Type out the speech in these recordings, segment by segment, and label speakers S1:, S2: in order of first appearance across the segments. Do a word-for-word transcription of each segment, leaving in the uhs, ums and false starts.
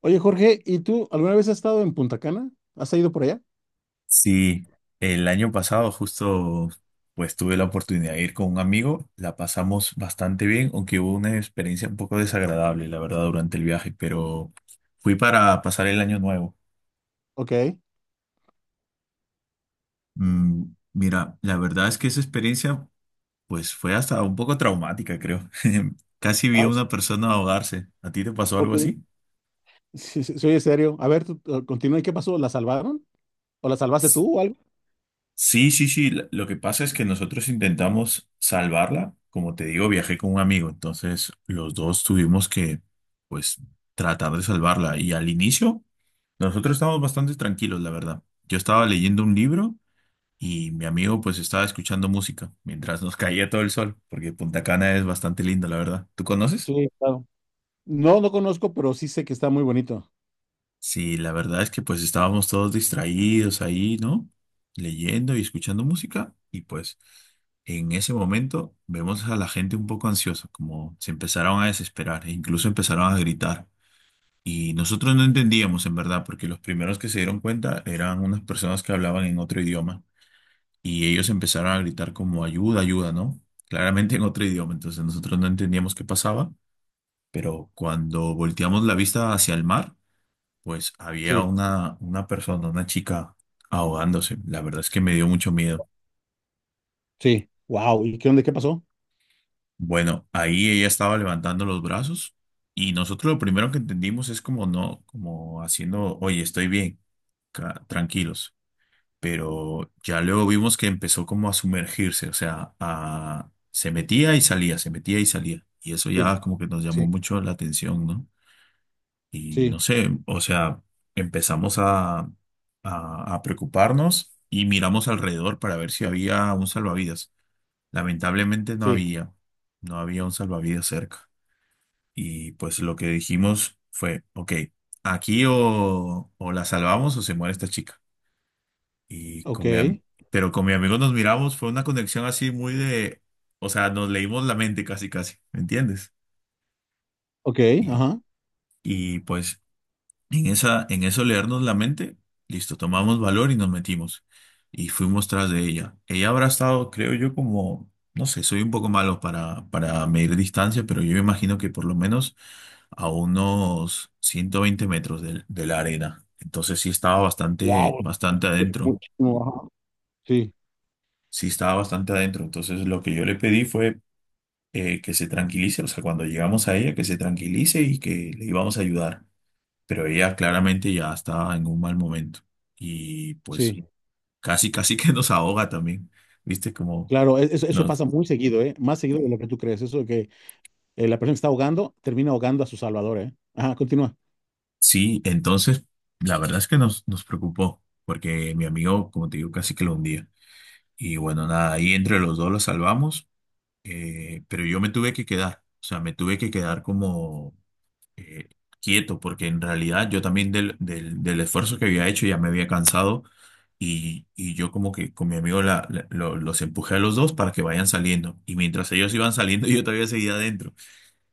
S1: Oye, Jorge, ¿y tú alguna vez has estado en Punta Cana? ¿Has ido por allá?
S2: Sí, el año pasado justo pues tuve la oportunidad de ir con un amigo, la pasamos bastante bien, aunque hubo una experiencia un poco desagradable, la verdad, durante el viaje, pero fui para pasar el año nuevo.
S1: Ok.
S2: Mm, mira, la verdad es que esa experiencia pues fue hasta un poco traumática, creo. Casi vi a
S1: Ah,
S2: una persona ahogarse. ¿A ti te pasó algo
S1: ok.
S2: así?
S1: Sí, sí, sí, oye, serio. A ver, tú, tú, continúa. ¿Y qué pasó? ¿La salvaron? ¿O la salvaste tú o algo?
S2: Sí, sí, sí. Lo lo que pasa es que nosotros intentamos salvarla. Como te digo, viajé con un amigo, entonces los dos tuvimos que, pues, tratar de salvarla. Y al inicio, nosotros estábamos bastante tranquilos, la verdad. Yo estaba leyendo un libro y mi amigo, pues, estaba escuchando música mientras nos caía todo el sol, porque Punta Cana es bastante lindo, la verdad. ¿Tú conoces?
S1: Sí, claro. No, no conozco, pero sí sé que está muy bonito.
S2: Sí, la verdad es que pues estábamos todos distraídos ahí, ¿no? Leyendo y escuchando música y pues en ese momento vemos a la gente un poco ansiosa, como se empezaron a desesperar e incluso empezaron a gritar. Y nosotros no entendíamos en verdad, porque los primeros que se dieron cuenta eran unas personas que hablaban en otro idioma y ellos empezaron a gritar como ayuda, ayuda, ¿no? Claramente en otro idioma, entonces nosotros no entendíamos qué pasaba, pero cuando volteamos la vista hacia el mar, pues había
S1: Sí,
S2: una, una persona, una chica ahogándose. La verdad es que me dio mucho miedo.
S1: sí. Wow. ¿Y qué onda? ¿Qué pasó?
S2: Bueno, ahí ella estaba levantando los brazos y nosotros lo primero que entendimos es como no, como haciendo, oye, estoy bien, ca- tranquilos. Pero ya luego vimos que empezó como a sumergirse, o sea, a, se metía y salía, se metía y salía. Y eso
S1: Sí,
S2: ya como que nos llamó
S1: sí,
S2: mucho la atención, ¿no? Y
S1: sí,
S2: no sé, o sea, empezamos a, a- a preocuparnos y miramos alrededor para ver si había un salvavidas. Lamentablemente no
S1: sí.
S2: había, no había un salvavidas cerca. Y pues lo que dijimos fue, ok, aquí o, o la salvamos o se muere esta chica. Y
S1: Ok,
S2: con mi am- pero con mi amigo nos miramos, fue una conexión así muy de, o sea, nos leímos la mente casi, casi, ¿me entiendes?
S1: ok,
S2: Y,
S1: ajá.
S2: y pues... En esa, en eso leernos la mente, listo, tomamos valor y nos metimos. Y fuimos tras de ella. Ella habrá estado, creo yo, como, no sé, soy un poco malo para, para medir distancia, pero yo me imagino que por lo menos a unos ciento veinte metros del- de, la arena. Entonces sí estaba bastante,
S1: Wow,
S2: bastante adentro.
S1: muchísimo, ajá. Sí,
S2: Sí estaba bastante adentro. Entonces lo que yo le pedí fue eh, que se tranquilice, o sea, cuando llegamos a ella, que se tranquilice y que le íbamos a ayudar, pero ella claramente ya estaba en un mal momento y pues
S1: sí.
S2: casi, casi que nos ahoga también, ¿viste? Como
S1: Claro, e- eso, eso
S2: nos...
S1: pasa muy seguido, ¿eh? Más seguido de lo que tú crees. Eso de que eh, la persona que está ahogando termina ahogando a su salvador, ¿eh? Ajá, continúa.
S2: Sí, entonces la verdad es que nos, nos preocupó porque mi amigo, como te digo, casi que lo hundía. Y bueno, nada, ahí entre los dos lo salvamos, eh, pero yo me tuve que quedar, o sea, me tuve que quedar como... eh, quieto, porque en realidad yo también del, del, del esfuerzo que había hecho ya me había cansado y, y yo como que con mi amigo la- la- lo- los empujé a los dos para que vayan saliendo y mientras ellos iban saliendo yo todavía seguía adentro.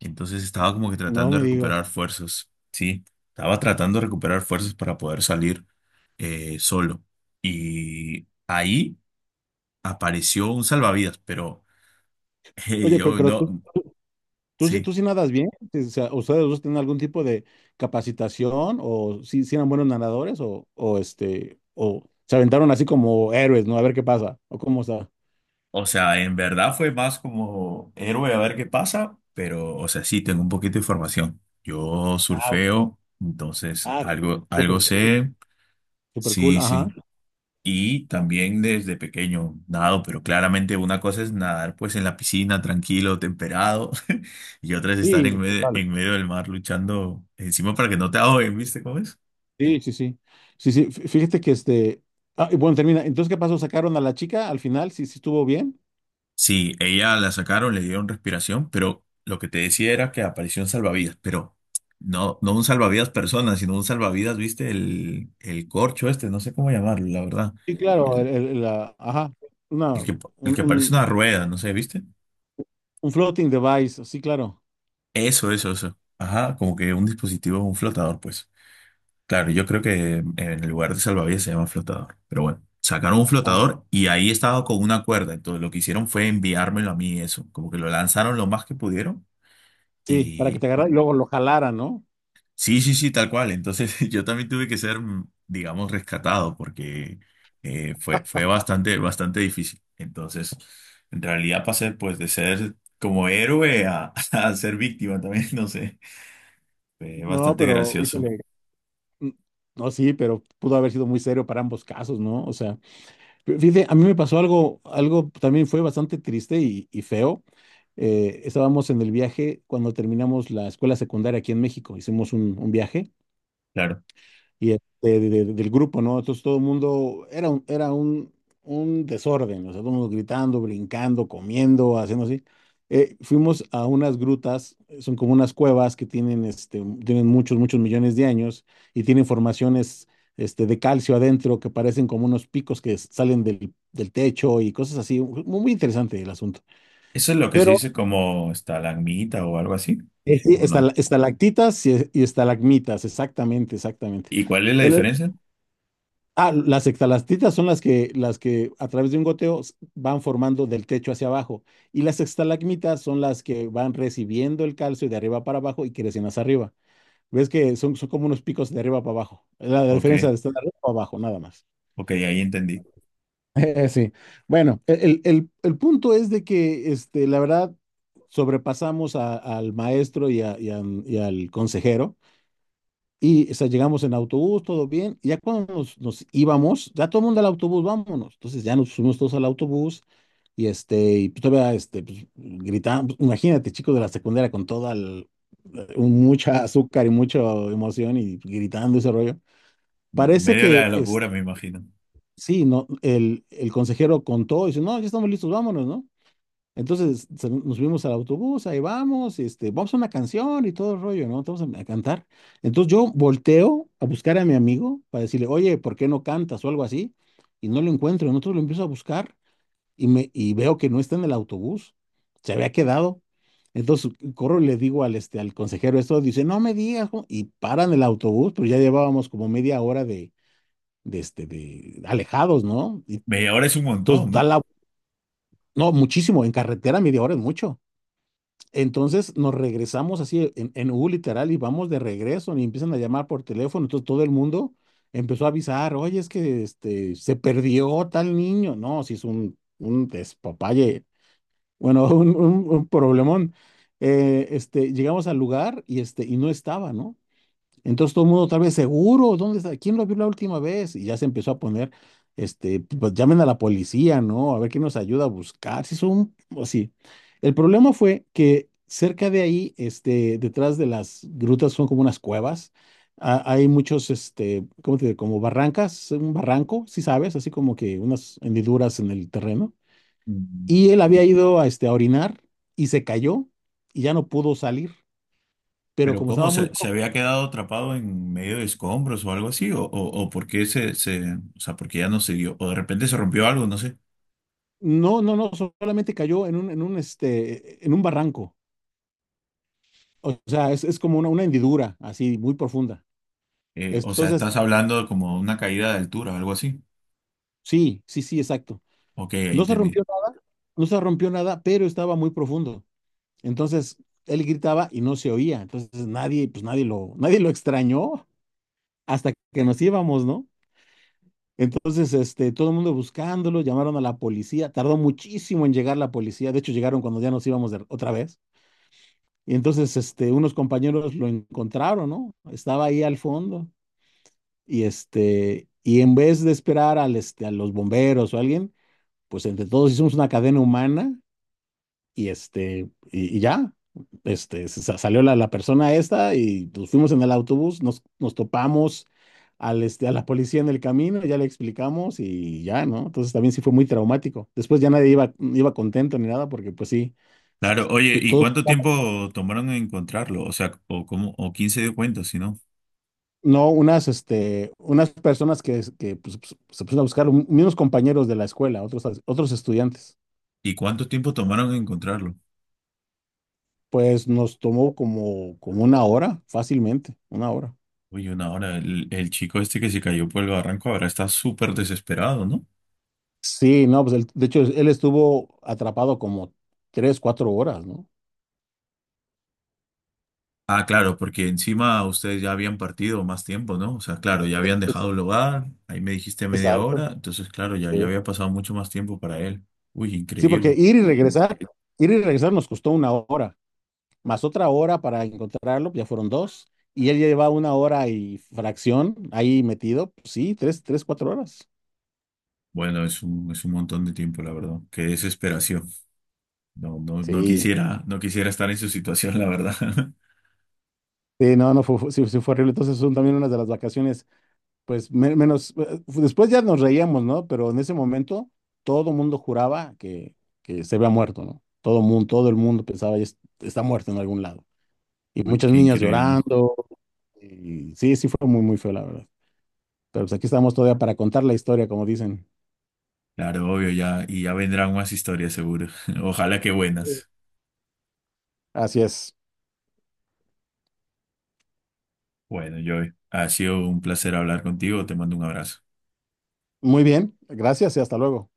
S2: Entonces estaba como que
S1: No
S2: tratando
S1: me
S2: de recuperar
S1: digas.
S2: fuerzas, ¿sí? Estaba tratando de recuperar fuerzas para poder salir eh, solo. Y ahí apareció un salvavidas, pero eh,
S1: Oye, pe-
S2: yo
S1: pero
S2: no,
S1: tú, tú, tú sí,
S2: sí.
S1: tú sí nadas bien. O sea, ¿ustedes dos tienen algún tipo de capacitación o sí, sí eran buenos nadadores o, o este, o se aventaron así como héroes? ¿No? A ver qué pasa o cómo está.
S2: O sea, en verdad fue más como héroe a ver qué pasa, pero, o sea, sí, tengo un poquito de información. Yo
S1: Ah, ok.
S2: surfeo, entonces
S1: Ah,
S2: algo,
S1: súper
S2: algo
S1: cool.
S2: sé,
S1: Súper cool,
S2: sí,
S1: ajá.
S2: sí. Y también desde pequeño nado, pero claramente una cosa es nadar pues en la piscina, tranquilo, temperado, y otra es estar en
S1: Sí,
S2: medio,
S1: total.
S2: en medio del mar luchando encima para que no te ahoguen, ¿viste cómo es?
S1: Sí, sí, sí. Sí, sí. Fí- Fíjate que este. Ah, y bueno, termina. Entonces, ¿qué pasó? ¿Sacaron a la chica al final? ¿Sí, sí estuvo bien?
S2: Sí, ella la sacaron, le dieron respiración, pero lo que te decía era que apareció un salvavidas, pero no, no un salvavidas persona, sino un salvavidas, viste, el, el corcho este, no sé cómo llamarlo, la verdad.
S1: Sí, claro. el-
S2: El,
S1: el- la, ajá. Una,
S2: el que,
S1: un,
S2: el que parece
S1: un,
S2: una rueda, no sé, ¿viste?
S1: un floating device. Sí, claro.
S2: Eso, eso, eso. Ajá, como que un dispositivo, un flotador, pues. Claro, yo creo que en el lugar de salvavidas se llama flotador, pero bueno, sacaron un
S1: Ah,
S2: flotador y ahí estaba con una cuerda, entonces lo que hicieron fue enviármelo a mí, eso, como que lo lanzaron lo más que pudieron.
S1: sí, para que te agarrara y luego lo jalara, ¿no?
S2: Sí, sí, sí, tal cual. Entonces yo también tuve que ser, mm, digamos, rescatado porque eh, fue, fue bastante, bastante difícil. Entonces, en realidad pasé pues de ser como héroe a, a ser víctima también, no sé. Fue
S1: No,
S2: bastante
S1: pero
S2: gracioso.
S1: híjole. Mm. No, sí, pero pudo haber sido muy serio para ambos casos, ¿no? O sea, fí- fíjate, a mí me pasó algo, algo también fue bastante triste y, y feo. Eh, estábamos en el viaje cuando terminamos la escuela secundaria aquí en México, hicimos un, un viaje
S2: Claro.
S1: y este, de- de- del grupo, ¿no? Entonces todo el mundo era un, era un, un desorden, o sea, todo el mundo gritando, brincando, comiendo, haciendo así. Eh, fuimos a unas grutas, eh, son como unas cuevas que tienen, este, tienen muchos, muchos millones de años y tienen formaciones, este, de calcio adentro que parecen como unos picos que s- salen del, del techo y cosas así. Mu- Muy interesante el asunto.
S2: ¿Eso es lo que se
S1: Pero
S2: dice como estalagmita o algo así?
S1: eh, sí,
S2: ¿O no?
S1: estala- estalactitas y, y estalagmitas, exactamente, exactamente.
S2: ¿Y cuál es la diferencia?
S1: Ah, las extalactitas son las que, las que a través de un goteo s- van formando del techo hacia abajo. Y las estalagmitas son las que van recibiendo el calcio de arriba para abajo y crecen hacia arriba. Ves que son, son como unos picos de arriba para abajo. La, la
S2: Ok,
S1: diferencia de estar de arriba para abajo, nada más.
S2: ok, ahí entendí.
S1: Eh, sí. Bueno, el, el- el punto es de que este, la verdad sobrepasamos a- al maestro y, a- y a- y al consejero. Y o sea, llegamos en autobús, todo bien. Y ya cuando nos, nos íbamos, ya todo el mundo al autobús, vámonos. Entonces ya nos subimos todos al autobús y este, y pues todavía este, pues, gritamos. Imagínate, chicos de la secundaria con toda el- un- mucha azúcar y mucha emoción y gritando ese rollo. Parece
S2: Medio de
S1: que
S2: la
S1: es,
S2: locura, me imagino.
S1: sí, no, el, el consejero contó y dice, no, ya estamos listos, vámonos, ¿no? Entonces se- nos subimos al autobús, ahí vamos, este, vamos a una canción y todo el rollo, ¿no? Vamos a, a cantar. Entonces yo volteo a buscar a mi amigo para decirle, oye, ¿por qué no cantas o algo así? Y no lo encuentro. Entonces lo empiezo a buscar y, me, y veo que no está en el autobús, se había quedado. Entonces corro y le digo al, este, al consejero esto, dice, no me digas, ¿cómo? Y paran el autobús, pero ya llevábamos como media hora de, de, este, de alejados, ¿no? Y
S2: Media hora es un
S1: entonces
S2: montón,
S1: da
S2: ¿no?
S1: la, no, muchísimo, en carretera media hora es mucho. Entonces nos regresamos así en, en U literal y vamos de regreso y empiezan a llamar por teléfono. Entonces todo el mundo empezó a avisar, oye, es que este, se perdió tal niño. No, si es un, un despapalle, bueno, un, un- un problemón. Eh, este, llegamos al lugar y, este, y no estaba, ¿no? Entonces todo el mundo tal vez seguro, ¿dónde está? ¿Quién lo vio la última vez? Y ya se empezó a poner, este, pues llamen a la policía, ¿no? A ver quién nos ayuda a buscar, si son, o sí. El problema fue que cerca de ahí, este, detrás de las grutas son como unas cuevas, a- hay muchos, este, ¿cómo te diré? Como barrancas, un barranco, si sabes, así como que unas hendiduras en el terreno.
S2: Mm.
S1: Y él había ido a, este, a orinar y se cayó y ya no pudo salir, pero
S2: Pero
S1: como
S2: ¿cómo?
S1: estaba muy
S2: ¿Se, se había quedado atrapado en medio de escombros o algo así? ¿O, o, o por qué se, se, o sea, porque ya no se dio? ¿O de repente se rompió algo? No sé.
S1: no, no, no, solamente cayó en un, en un, este, en un barranco. O sea, es, es como una, una hendidura así muy profunda.
S2: Eh, o sea,
S1: Entonces,
S2: estás hablando de como de una caída de altura, algo así.
S1: sí, sí, sí, exacto.
S2: Ok, ahí
S1: No se
S2: entendí.
S1: rompió, nada- no se rompió nada, pero estaba muy profundo. Entonces, él gritaba y no se oía. Entonces, nadie, pues nadie lo, nadie lo extrañó hasta que nos íbamos, ¿no? Entonces, este, todo el mundo buscándolo, llamaron a la policía. Tardó muchísimo en llegar la policía. De hecho, llegaron cuando ya nos íbamos de- otra vez. Y entonces, este, unos compañeros lo encontraron, ¿no? Estaba ahí al fondo y este, y en vez de esperar al, este, a los bomberos o alguien, pues entre todos hicimos una cadena humana y este, y, y ya, este, se sa- salió la, la persona esta y nos fuimos en el autobús, nos, nos topamos al, este, a la policía en el camino, ya le explicamos y ya, ¿no? Entonces también sí fue muy traumático. Después ya nadie iba, iba contento ni nada porque pues sí, s-
S2: Claro, oye,
S1: s-
S2: ¿y
S1: todos
S2: cuánto tiempo tomaron en encontrarlo? O sea, ¿o cómo? ¿O quién se dio cuenta, si no?
S1: no, unas, este, unas personas que, que, pues, pues, se pusieron a buscar, un- unos compañeros de la escuela, otros, otros estudiantes.
S2: ¿Y cuánto tiempo tomaron en encontrarlo?
S1: Pues nos tomó como, como una hora, fácilmente, una hora.
S2: Oye, una hora, el, el chico este que se cayó por el barranco ahora está súper desesperado, ¿no?
S1: Sí, no, pues él- de hecho él estuvo atrapado como tres, cuatro horas, ¿no?
S2: Ah, claro, porque encima ustedes ya habían partido más tiempo, ¿no? O sea, claro, ya habían
S1: Es-
S2: dejado el hogar, ahí me dijiste media
S1: Exacto.
S2: hora, entonces, claro, ya, ya
S1: Sí.
S2: había pasado mucho más tiempo para él. Uy,
S1: Sí, porque
S2: increíble.
S1: ir y regresar, ir y regresar nos costó una hora, más otra hora para encontrarlo, ya fueron dos, y él ya llevaba una hora y fracción ahí metido, pues sí, tres, tres, cuatro horas.
S2: Bueno, es un, es un montón de tiempo, la verdad. Qué desesperación. No, no, no
S1: Sí.
S2: quisiera, no quisiera estar en su situación, la verdad.
S1: Sí, no, no, fue, fue- sí, sí fue horrible. Entonces son también unas de las vacaciones, pues me- menos, eh, después ya nos reíamos, ¿no? Pero en ese momento todo mundo juraba que, que se había muerto, ¿no? Todo mundo, todo el mundo pensaba, "Ya es- está muerto en algún lado." Y
S2: Uy,
S1: muchas
S2: qué
S1: niñas
S2: increíble.
S1: llorando. Y sí, sí fue muy, muy feo, la verdad. Pero pues aquí estamos todavía para contar la historia, como dicen.
S2: Claro, obvio, ya, y ya vendrán más historias, seguro. Ojalá que buenas.
S1: Así es.
S2: Bueno, Joey, ha sido un placer hablar contigo, te mando un abrazo.
S1: Muy bien, gracias y hasta luego.